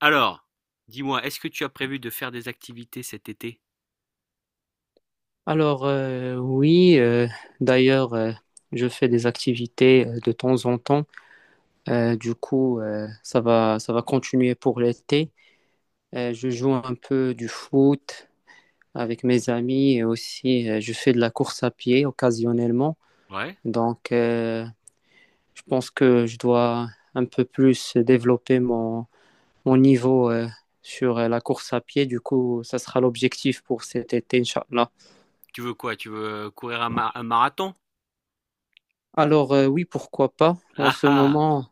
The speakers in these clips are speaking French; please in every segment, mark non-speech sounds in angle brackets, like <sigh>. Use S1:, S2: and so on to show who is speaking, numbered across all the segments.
S1: Alors, dis-moi, est-ce que tu as prévu de faire des activités cet été?
S2: Oui, d'ailleurs, je fais des activités de temps en temps. Ça va continuer pour l'été. Je joue un peu du foot avec mes amis et aussi je fais de la course à pied occasionnellement.
S1: Ouais.
S2: Donc, euh, je pense que je dois un peu plus développer mon niveau sur la course à pied. Du coup, ça sera l'objectif pour cet été, Inch'Allah.
S1: Tu veux quoi? Tu veux courir un marathon?
S2: Oui, pourquoi pas.
S1: Ah ah,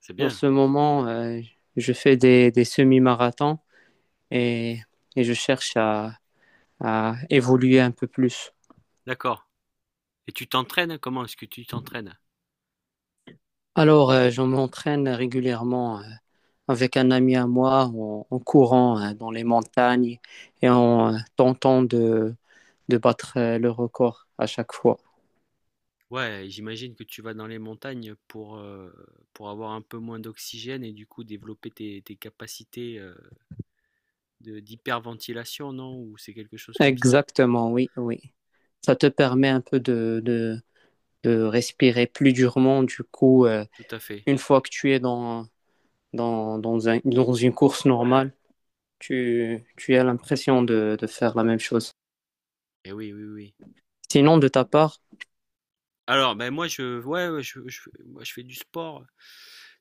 S1: c'est
S2: En
S1: bien.
S2: ce moment, je fais des semi-marathons et, et je cherche à évoluer un peu plus.
S1: D'accord. Et tu t'entraînes? Comment est-ce que tu t'entraînes?
S2: Je m'entraîne régulièrement avec un ami à moi en courant dans les montagnes et en tentant de battre le record à chaque fois.
S1: Ouais, j'imagine que tu vas dans les montagnes pour avoir un peu moins d'oxygène et du coup développer tes capacités de, d'hyperventilation, non? Ou c'est quelque chose comme ça?
S2: Exactement, oui, oui. Ça te permet un peu de respirer plus durement.
S1: Tout à fait.
S2: Une fois que tu es dans dans une course normale, tu as l'impression de faire la même chose.
S1: Et oui, oui, oui.
S2: Sinon, de ta part,
S1: Alors, ben ouais, ouais. Moi, je fais du sport.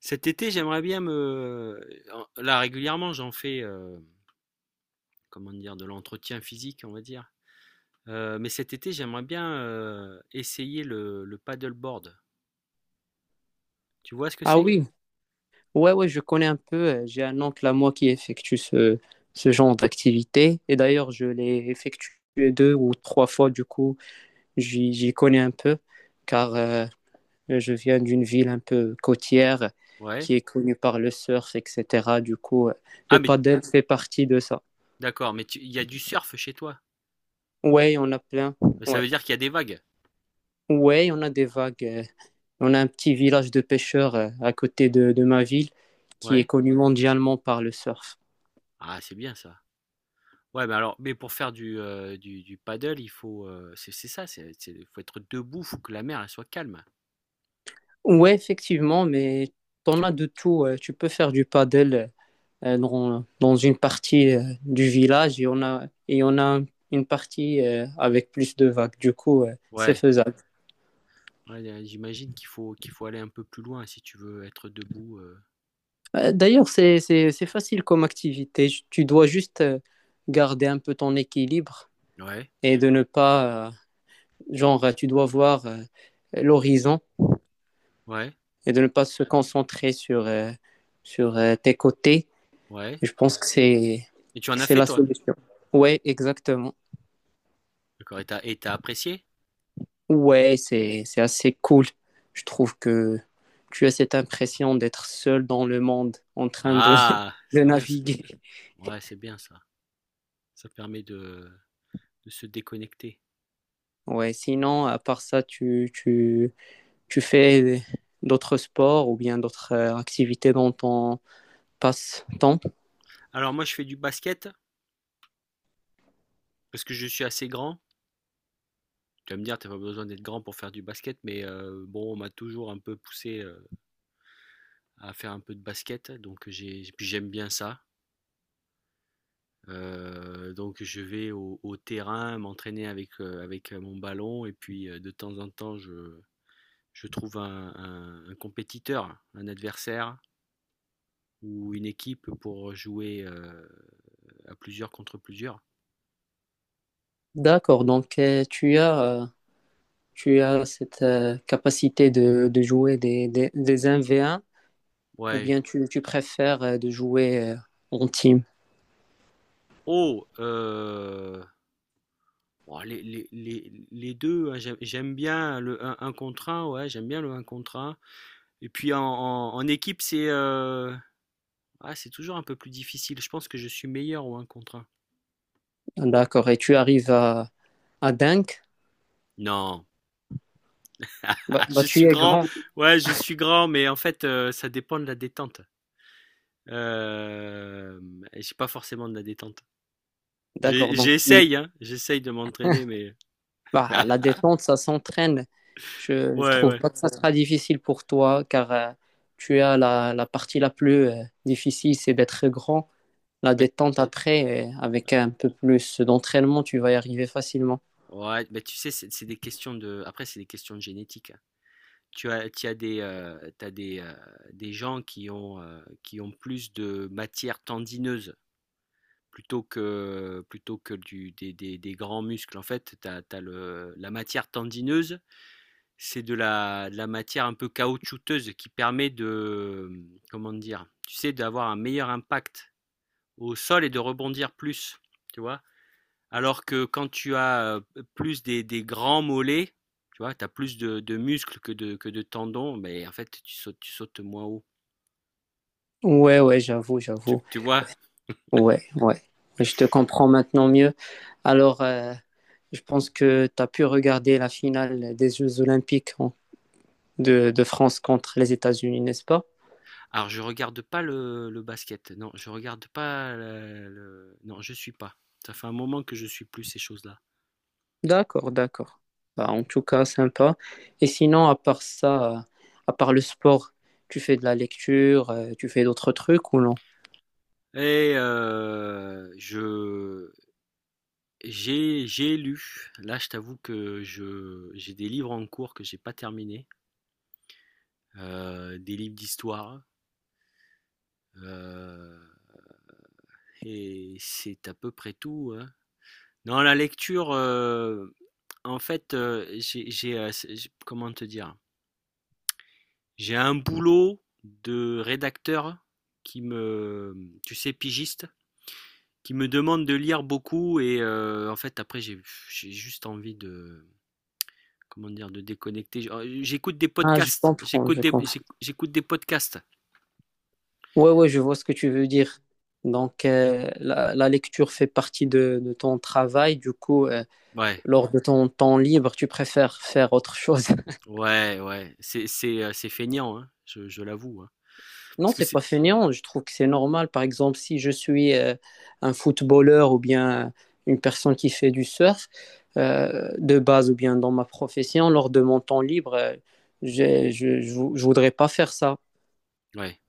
S1: Cet été, j'aimerais bien me. Là, régulièrement, j'en fais, comment dire, de l'entretien physique, on va dire. Mais cet été, j'aimerais bien essayer le paddleboard. Tu vois ce que
S2: ah
S1: c'est?
S2: oui, ouais, ouais, je connais un peu. J'ai un oncle à moi qui effectue ce genre d'activité. Et d'ailleurs, je l'ai effectué deux ou trois fois, du coup, j'y connais un peu, car je viens d'une ville un peu côtière
S1: Ouais.
S2: qui est connue par le surf, etc.
S1: Ah,
S2: Le
S1: mais
S2: paddle fait partie de ça.
S1: d'accord, il y a du surf chez toi.
S2: Ouais, on a plein.
S1: Ça
S2: Ouais,
S1: veut dire qu'il y a des vagues.
S2: ouais, on a des vagues on a un petit village de pêcheurs à côté de ma ville qui est
S1: Ouais.
S2: connu mondialement par le surf.
S1: Ah, c'est bien ça. Ouais, mais alors, mais pour faire du paddle, il faut. C'est ça, faut être debout, faut que la mer elle soit calme.
S2: Ouais, effectivement, mais t'en
S1: Tu...
S2: as de tout. Tu peux faire du paddle dans, dans une partie du village et on a une partie avec plus de vagues. C'est
S1: Ouais.
S2: faisable.
S1: Ouais, y a j'imagine qu'il faut aller un peu plus loin si tu veux être debout.
S2: D'ailleurs, c'est facile comme activité. Tu dois juste garder un peu ton équilibre
S1: Ouais,
S2: et de ne pas, genre, tu dois voir l'horizon
S1: ouais,
S2: et de ne pas se concentrer sur tes côtés.
S1: ouais.
S2: Je pense
S1: Et tu en
S2: que
S1: as
S2: c'est
S1: fait
S2: la
S1: toi?
S2: solution. Ouais, exactement.
S1: D'accord et t'as apprécié?
S2: Ouais, c'est assez cool. Je trouve que tu as cette impression d'être seul dans le monde en train
S1: Ah!
S2: <laughs> de
S1: C'est bien ça.
S2: naviguer.
S1: Ouais, c'est bien ça. Ça permet de se déconnecter.
S2: Ouais, sinon, à part ça, tu fais d'autres sports ou bien d'autres activités dans ton passe-temps.
S1: Alors moi, je fais du basket parce que je suis assez grand. Tu vas me dire: «Tu pas besoin d'être grand pour faire du basket» mais bon, on m'a toujours un peu poussé, à faire un peu de basket donc j'ai puis j'aime bien ça. Donc je vais au terrain m'entraîner avec, mon ballon et puis, de temps en temps je trouve un compétiteur, un adversaire ou une équipe pour jouer, à plusieurs contre plusieurs.
S2: D'accord, donc tu as cette capacité de jouer des un v un ou
S1: Ouais.
S2: bien tu préfères de jouer en team.
S1: Oh, bon les deux, hein, j'aime bien le un contre un. Ouais, j'aime bien le un contre un. Et puis en équipe c'est, ah c'est toujours un peu plus difficile. Je pense que je suis meilleur au un contre un.
S2: D'accord. Et tu arrives à Dunk,
S1: Non.
S2: bah,
S1: <laughs>
S2: bah,
S1: Je
S2: tu
S1: suis
S2: es
S1: grand,
S2: grand.
S1: ouais, je suis grand, mais en fait, ça dépend de la détente. J'ai pas forcément de la détente. J'ai
S2: D'accord. Donc, tu-
S1: j'essaye, hein, j'essaye de m'entraîner, mais
S2: bah, la
S1: <laughs>
S2: détente, ça s'entraîne. Je
S1: ouais,
S2: trouve
S1: ouais.
S2: pas que ça sera difficile pour toi car tu as la partie la plus difficile, c'est d'être grand. La
S1: Mais
S2: détente après, avec un peu plus d'entraînement, tu vas y arriver facilement.
S1: ouais, mais tu sais, c'est des questions de après, c'est des questions de génétique, hein. Tu as des gens qui ont, qui ont plus de matière tendineuse plutôt que du des grands muscles. En fait, tu as le la matière tendineuse, c'est de la matière un peu caoutchouteuse qui permet de, comment dire, tu sais, d'avoir un meilleur impact au sol et de rebondir plus, tu vois. Alors que quand tu as plus des grands mollets, tu vois, tu as plus de muscles que de tendons, mais en fait, tu sautes moins haut.
S2: Ouais, ouais, j'avoue,
S1: Tu,
S2: j'avoue.
S1: tu vois?
S2: Ouais, ouais. Je te comprends maintenant mieux. Alors, euh, je pense que tu as pu regarder la finale des Jeux Olympiques hein, de France contre les États-Unis, n'est-ce pas?
S1: Alors, je regarde pas le basket. Non, je suis pas. Ça fait un moment que je suis plus ces choses-là.
S2: D'accord, d'accord. Bah, en tout cas, sympa. Et sinon, à part ça, à part le sport, tu fais de la lecture, tu fais d'autres trucs ou non?
S1: Et je J'ai lu. Là, je t'avoue que je j'ai des livres en cours que j'ai pas terminés, des livres d'histoire, heu et c'est à peu près tout, hein. Non, la lecture, en fait, j'ai, c'est j comment te dire? J'ai un boulot de rédacteur qui me tu sais, pigiste, qui me demande de lire beaucoup et en fait, après j'ai juste envie de comment dire, de déconnecter. J'écoute des
S2: Ah, je
S1: podcasts.
S2: comprends, je comprends.
S1: J'écoute des podcasts.
S2: Ouais, ouais, je vois ce que tu veux dire. Donc, la lecture fait partie de ton travail. Du coup,
S1: Ouais,
S2: lors de ton temps libre, tu préfères faire autre chose. <laughs>
S1: ouais, ouais. C'est feignant, hein, je l'avoue, hein.
S2: Non,
S1: Parce que
S2: c'est pas
S1: c'est,
S2: fainéant. Je trouve que c'est normal. Par exemple, si je suis un footballeur ou bien une personne qui fait du surf de base ou bien dans ma profession, lors de mon temps libre, je voudrais pas faire ça.
S1: ouais.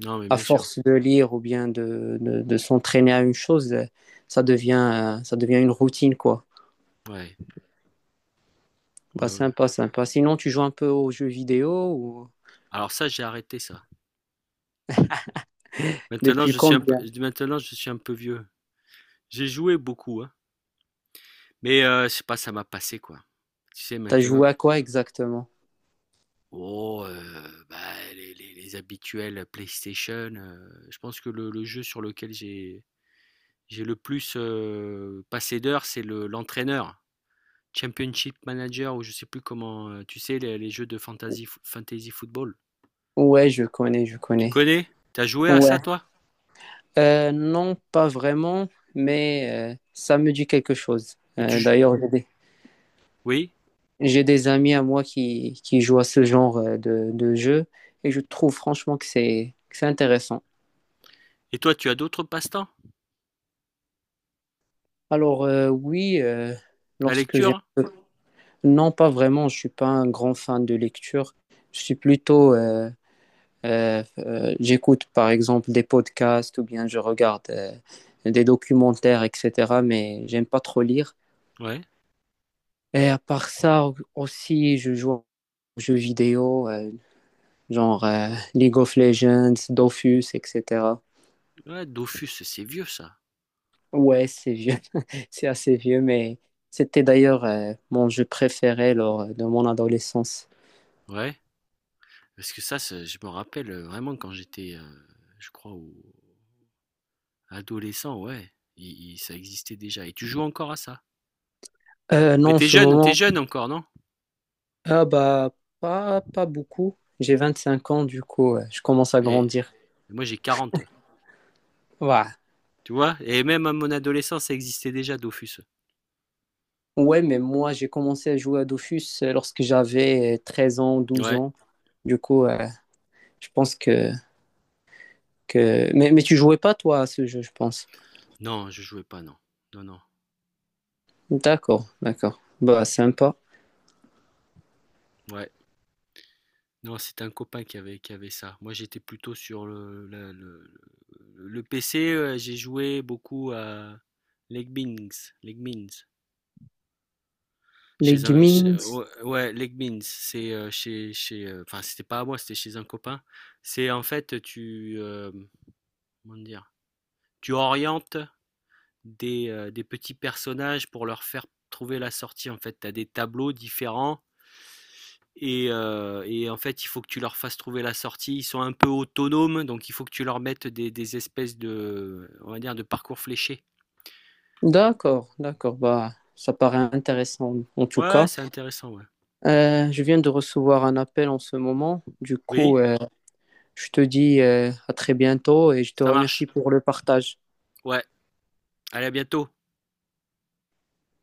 S1: Non, mais
S2: À
S1: bien sûr.
S2: force de lire ou bien de s'entraîner à une chose, ça devient une routine, quoi.
S1: Ouais, ouais,
S2: Bah,
S1: ouais.
S2: sympa, sympa. Sinon, tu joues un peu aux jeux vidéo ou
S1: Alors ça, j'ai arrêté ça.
S2: depuis combien?
S1: Maintenant, je suis un peu vieux. J'ai joué beaucoup, hein. Mais je sais pas, ça m'a passé quoi. Tu sais,
S2: T'as
S1: maintenant,
S2: joué à quoi exactement?
S1: oh, bah, les habituels PlayStation. Je pense que le jeu sur lequel j'ai le plus passé d'heures, c'est l'entraîneur. Championship Manager ou je sais plus comment, tu sais, les jeux de fantasy, fantasy football.
S2: Ouais, je connais, je
S1: Tu
S2: connais.
S1: connais? T'as joué à ça,
S2: Ouais.
S1: toi?
S2: Non, pas vraiment, mais ça me dit quelque chose.
S1: Et tu,
S2: D'ailleurs,
S1: oui?
S2: j'ai des amis à moi qui jouent à ce genre de jeu et je trouve franchement que c'est intéressant.
S1: Et toi, tu as d'autres passe-temps?
S2: Oui,
S1: La
S2: lorsque j'ai...
S1: lecture?
S2: Non, pas vraiment, je suis pas un grand fan de lecture. Je suis plutôt j'écoute par exemple des podcasts ou bien je regarde des documentaires, etc. Mais j'aime pas trop lire.
S1: Ouais.
S2: Et à part ça aussi, je joue aux jeux vidéo, genre League of Legends, Dofus, etc.
S1: Ouais, Dofus, c'est vieux, ça.
S2: Ouais, c'est vieux, <laughs> c'est assez vieux, mais c'était d'ailleurs mon jeu préféré lors de mon adolescence.
S1: Ouais. Parce que ça, je me rappelle vraiment quand j'étais, je crois, adolescent, ouais. Ça existait déjà. Et tu joues encore à ça? Mais
S2: Non, en ce
S1: t'es
S2: moment,
S1: jeune encore, non?
S2: ah bah pas, pas beaucoup. J'ai 25 ans, du coup, je commence à
S1: Eh,
S2: grandir.
S1: moi j'ai 40.
S2: Ouais.
S1: Tu vois? Et même à mon adolescence, ça existait déjà, Dofus.
S2: Ouais, mais moi, j'ai commencé à jouer à Dofus lorsque j'avais 13 ans, douze
S1: Ouais.
S2: ans. Du coup, euh, je pense que... mais tu jouais pas, toi, à ce jeu, je pense.
S1: Non, je jouais pas, non. Non, non.
S2: D'accord, d'accord. Bah, sympa.
S1: Ouais. Non, c'était un copain qui avait ça. Moi, j'étais plutôt sur le PC. J'ai joué beaucoup à Legbings. Legbings.
S2: Les gamings.
S1: Ouais, ouais, Legbings. C'est enfin, c'était pas à moi, c'était chez un copain. C'est en fait, comment dire, tu orientes des petits personnages pour leur faire trouver la sortie. En fait, tu as des tableaux différents. Et en fait, il faut que tu leur fasses trouver la sortie. Ils sont un peu autonomes, donc il faut que tu leur mettes des espèces de, on va dire, de parcours fléchés.
S2: D'accord, d'accord. Bah, ça paraît intéressant, en tout
S1: Ouais,
S2: cas.
S1: c'est intéressant, ouais.
S2: Je viens de recevoir un appel en ce moment. Du
S1: Oui,
S2: coup, euh, je te dis à très bientôt et je te
S1: ça
S2: remercie
S1: marche.
S2: pour le partage.
S1: Ouais, allez, à bientôt.